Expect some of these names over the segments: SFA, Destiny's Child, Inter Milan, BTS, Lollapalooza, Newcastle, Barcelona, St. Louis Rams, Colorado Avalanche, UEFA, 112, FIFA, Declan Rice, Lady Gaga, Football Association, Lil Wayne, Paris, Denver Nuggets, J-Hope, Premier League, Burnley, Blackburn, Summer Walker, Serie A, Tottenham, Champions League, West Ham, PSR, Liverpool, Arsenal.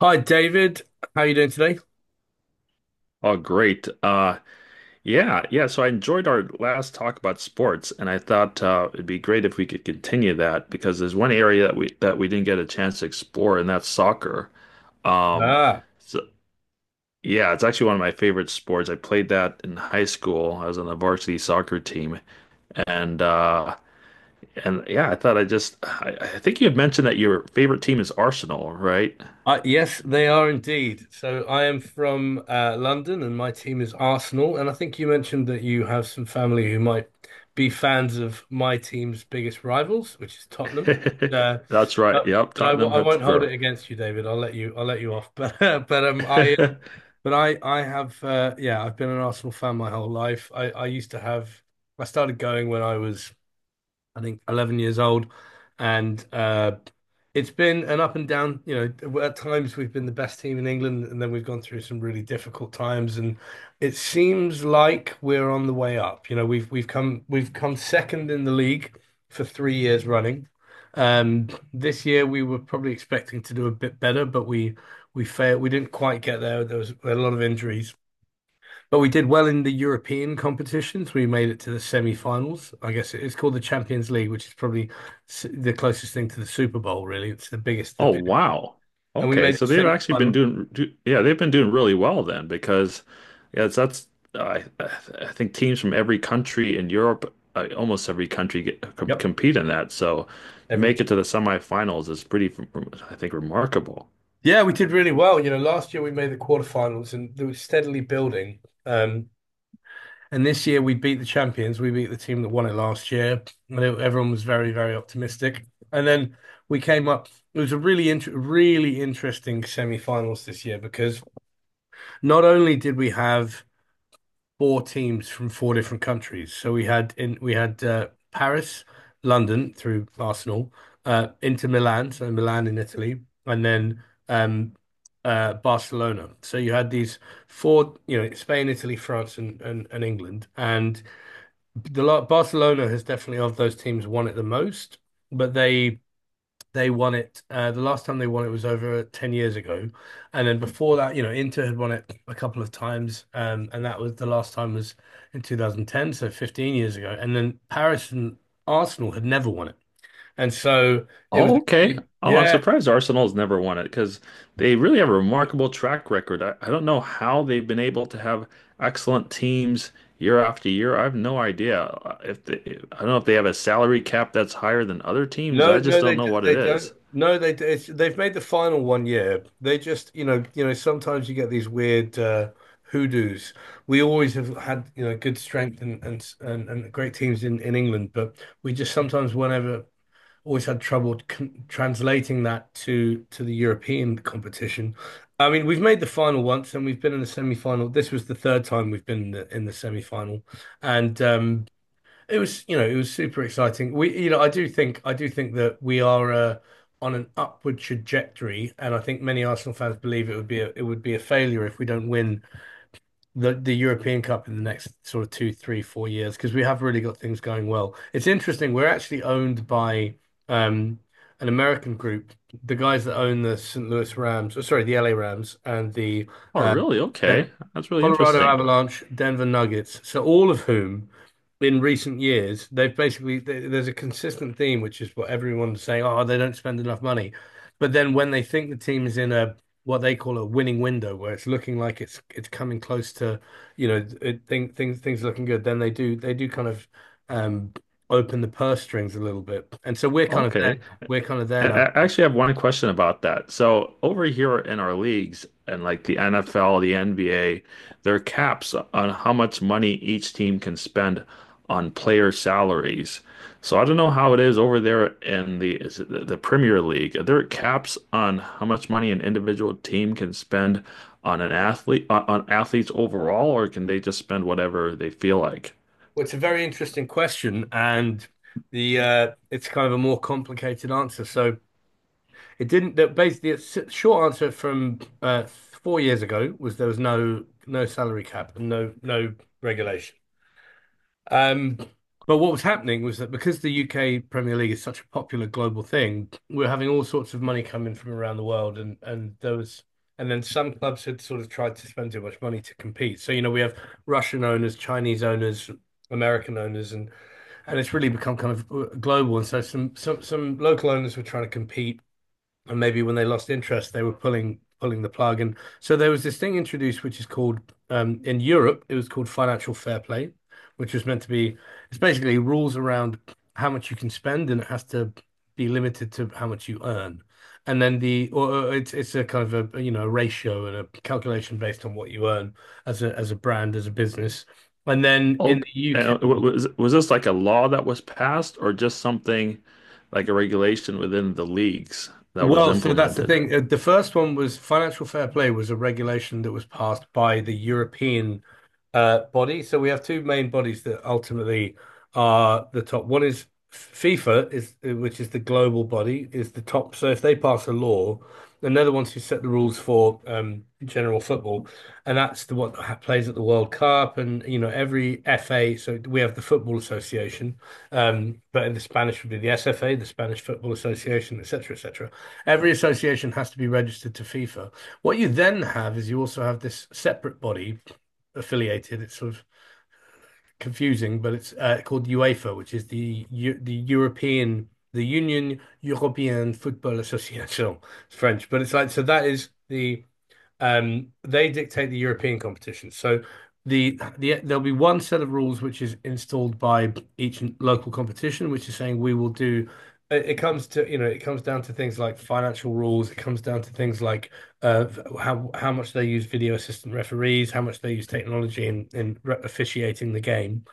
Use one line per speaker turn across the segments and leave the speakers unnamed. Hi David, how are you doing today?
Oh, great. Yeah. So I enjoyed our last talk about sports, and I thought it'd be great if we could continue that because there's one area that we didn't get a chance to explore, and that's soccer. Um,
Ah,
so yeah, it's actually one of my favorite sports. I played that in high school. I was on the varsity soccer team, and uh, and yeah, I thought I just I think you had mentioned that your favorite team is Arsenal, right?
Yes, they are indeed. So I am from London and my team is Arsenal. And I think you mentioned that you have some family who might be fans of my team's biggest rivals, which is Tottenham. Uh,
That's right.
but
Yep,
but
Tottenham
I won't hold
Hotspur.
it against you, David. I'll let you off. But I but I have yeah, I've been an Arsenal fan my whole life. I used to have I started going when I was I think 11 years old, and it's been an up and down, you know, at times we've been the best team in England, and then we've gone through some really difficult times, and it seems like we're on the way up. You know, we've come second in the league for 3 years running. Um, this year we were probably expecting to do a bit better, but we failed. We didn't quite get there. There was a lot of injuries, but we did well in the European competitions. We made it to the semi-finals. I guess it's called the Champions League, which is probably the closest thing to the Super Bowl, really. It's the biggest,
Oh, wow.
and we
Okay,
made the
so they've actually been
semi-final.
doing, do, yeah, they've been doing really well then because, yeah, it's- that's I I think teams from every country in Europe, almost every country get, com
Yep,
compete in that. So to
every
make it to the semifinals is pretty, I think, remarkable.
yeah, we did really well. You know, last year we made the quarterfinals, and they were steadily building. Um, and this year we beat the champions. We beat the team that won it last year, and everyone was very, very optimistic. And then we came up. It was a really interesting semi-finals this year because not only did we have four teams from four different countries. So we had Paris, London through Arsenal, Inter Milan, so Milan in Italy, and then um, Barcelona. So you had these four, you know, Spain, Italy, France, and England. And the lot Barcelona has definitely of those teams won it the most, but they won it. The last time they won it was over 10 years ago. And then before that, you know, Inter had won it a couple of times. And that was the last time was in 2010, so 15 years ago. And then Paris and Arsenal had never won it. And so it was
Oh, okay.
really,
Oh, I'm
yeah.
surprised Arsenal's never won it because they really have a remarkable track record. I don't know how they've been able to have excellent teams year after year. I have no idea. If they, I don't know if they have a salary cap that's higher than other teams.
No,
I just don't know what it
they don't.
is.
No, they d- it's, They've made the final one year. They just, you know, sometimes you get these weird hoodoos. We always have had, you know, good strength and and great teams in England, but we just sometimes whenever always had trouble con translating that to the European competition. I mean, we've made the final once, and we've been in the semi-final. This was the third time we've been in in the semi-final, and it was, you know, it was super exciting. We, you know, I do think that we are on an upward trajectory, and I think many Arsenal fans believe it would be it would be a failure if we don't win the European Cup in the next sort of two, three, 4 years because we have really got things going well. It's interesting. We're actually owned by um, an American group, the guys that own the St. Louis Rams, or sorry, the LA Rams and the
Oh,
uh,
really?
yeah.
Okay. That's really
Colorado
interesting.
Avalanche, Denver Nuggets. So all of whom in recent years, they've basically th there's a consistent theme, which is what everyone's saying, oh, they don't spend enough money. But then when they think the team is in a what they call a winning window, where it's looking like it's coming close to, you know, it, thing, things things are looking good, then they do kind of um open the purse strings a little bit. And so we're kind of there
Okay.
now. We're kind of
I
there now.
I actually have one question about that. So over here in our leagues and like the NFL, the NBA, there are caps on how much money each team can spend on player salaries. So I don't know how it is over there in the is it the Premier League. Are there caps on how much money an individual team can spend on athletes overall, or can they just spend whatever they feel like?
Well, it's a very interesting question, and the it's kind of a more complicated answer. So it didn't. That basically, the short answer from 4 years ago was there was no salary cap and no regulation. Um, but what was happening was that because the UK Premier League is such a popular global thing, we are having all sorts of money come in from around the world, and there was. And then some clubs had sort of tried to spend too much money to compete. So, you know, we have Russian owners, Chinese owners, American owners, and it's really become kind of global. And so some local owners were trying to compete, and maybe when they lost interest, they were pulling the plug. And so there was this thing introduced, which is called in Europe, it was called financial fair play, which was meant to be it's basically rules around how much you can spend, and it has to be limited to how much you earn. And then the or it's a kind of a, you know, a ratio and a calculation based on what you earn as a brand as a business. And then in
Oh,
the UK,
was this like a law that was passed, or just something like a regulation within the leagues that was
well, so that's the
implemented?
thing. The first one was financial fair play was a regulation that was passed by the European body. So we have two main bodies that ultimately are the top. One is FIFA is which is the global body is the top. So if they pass a law, and they're the ones who set the rules for general football, and that's the one that plays at the World Cup and you know every FA. So we have the Football Association, but in the Spanish would be the SFA, the Spanish Football Association, etc., etc. Every association has to be registered to FIFA. What you then have is you also have this separate body affiliated. It's sort of confusing, but it's called UEFA, which is the European the Union Européenne Football Association. It's French, but it's like so that is the they dictate the European competition. So there'll be one set of rules which is installed by each local competition, which is saying we will do. It comes to, you know, it comes down to things like financial rules. It comes down to things like uh, how much they use video assistant referees, how much they use technology in officiating the game.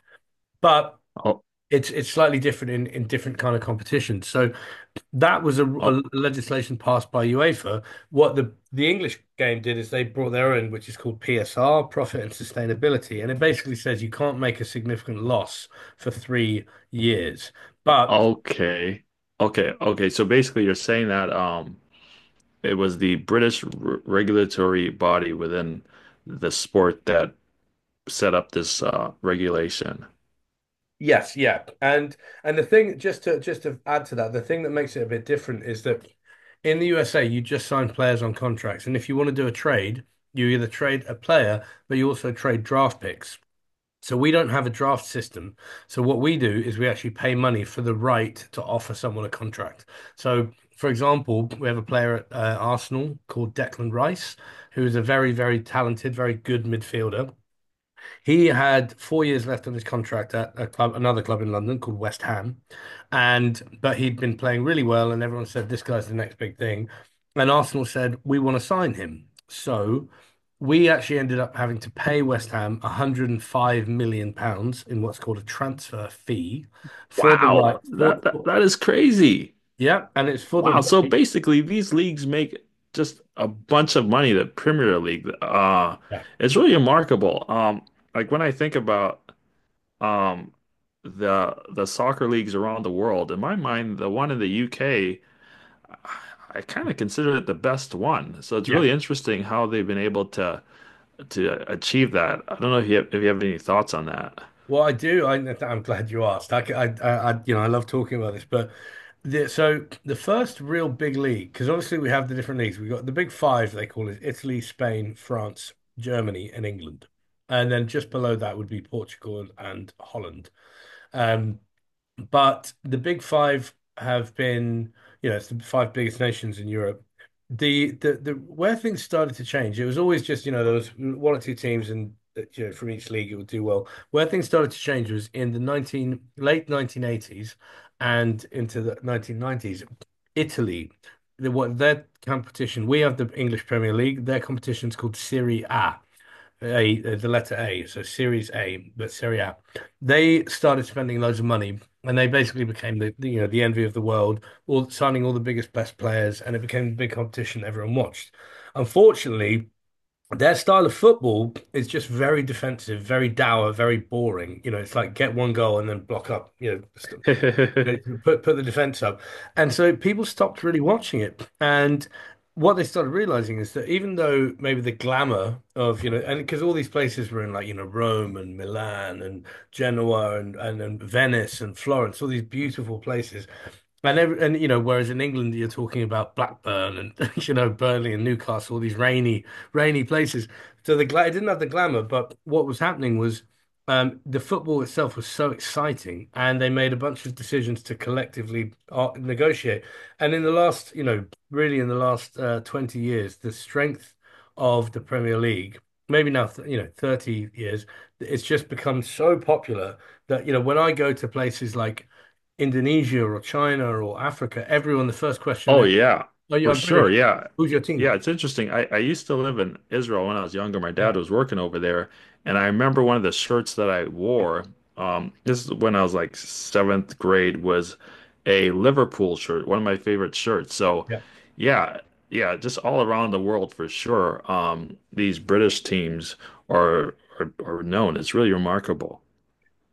But
Oh,
it's slightly different in different kind of competitions. So that was
oh,
a legislation passed by UEFA. What the English game did is they brought their own, which is called PSR, profit and sustainability, and it basically says you can't make a significant loss for 3 years. But
okay, okay. So basically, you're saying that it was the British r regulatory body within the sport that set up this regulation.
yes, yeah, and the thing just to add to that, the thing that makes it a bit different is that in the USA you just sign players on contracts, and if you want to do a trade, you either trade a player, but you also trade draft picks. So we don't have a draft system. So what we do is we actually pay money for the right to offer someone a contract. So, for example, we have a player at Arsenal called Declan Rice, who is a very, very talented, very good midfielder. He had 4 years left on his contract at a club, another club in London called West Ham, and but he'd been playing really well, and everyone said this guy's the next big thing, and Arsenal said we want to sign him. So we actually ended up having to pay West Ham 105 million pounds in what's called a transfer fee for the right
Wow, that,
for,
that
for-
that is crazy.
Yeah, and it's for the
Wow. So
right.
basically, these leagues make just a bunch of money, the Premier League.
Yeah,
It's really remarkable. Like when I think about um the soccer leagues around the world, in my mind, the one in the UK, I kind of consider it the best one. So it's
yeah.
really interesting how they've been able to achieve that. I don't know if if you have any thoughts on that.
Well, I do. I'm glad you asked. You know, I love talking about this, but so the first real big league, because obviously we have the different leagues. We've got the big five, they call it Italy, Spain, France, Germany, and England. And then just below that would be Portugal and Holland. Um, but the Big Five have been, you know, it's the five biggest nations in Europe. The where things started to change, it was always just, you know, there was one or two teams and you know from each league it would do well. Where things started to change was in the 19 late 1980s and into the 1990s. Italy, the what their competition, we have the English Premier League, their competition's called Serie A. A, the letter A, so Series A, but Serie A. They started spending loads of money, and they basically became the, you know, the envy of the world, all signing all the biggest best players, and it became the big competition everyone watched. Unfortunately, their style of football is just very defensive, very dour, very boring. You know, it's like get one goal and then block up. They can put the defense up. And so people stopped really watching it. And what they started realizing is that even though maybe the glamour of, you know, and because all these places were in like, you know, Rome and Milan and Genoa and Venice and Florence, all these beautiful places. And, you know, whereas in England you're talking about Blackburn and you know Burnley and Newcastle, all these rainy places. So the gla it didn't have the glamour, but what was happening was the football itself was so exciting, and they made a bunch of decisions to collectively negotiate. And in the last, you know, really in the last 20 years, the strength of the Premier League, maybe now, th you know, 30 years, it's just become so popular that, you know, when I go to places like Indonesia or China or Africa, everyone, the first question they
Oh
ask,
yeah, for
I'm
sure.
British.
Yeah.
Who's your team?
Yeah, it's interesting. I used to live in Israel when I was younger. My dad
Yeah,
was working over there, and I remember one of the shirts that I wore, this is when I was like seventh grade, was a Liverpool shirt, one of my favorite shirts. So
yeah.
yeah, yeah, just all around the world for sure. These British teams are are known. It's really remarkable.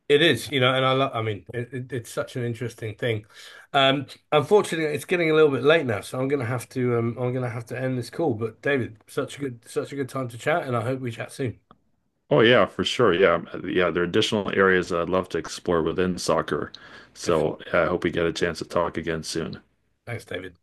It is, you know, and I love, I mean, it's such an interesting thing. Um, Unfortunately, it's getting a little bit late now, so I'm gonna have to, I'm gonna have to end this call. But David, such a good time to chat, and I hope we chat soon.
Oh yeah, for sure. Yeah. There are additional areas that I'd love to explore within soccer. So
Definitely.
yeah, I hope we get a chance to talk again soon.
Thanks, David.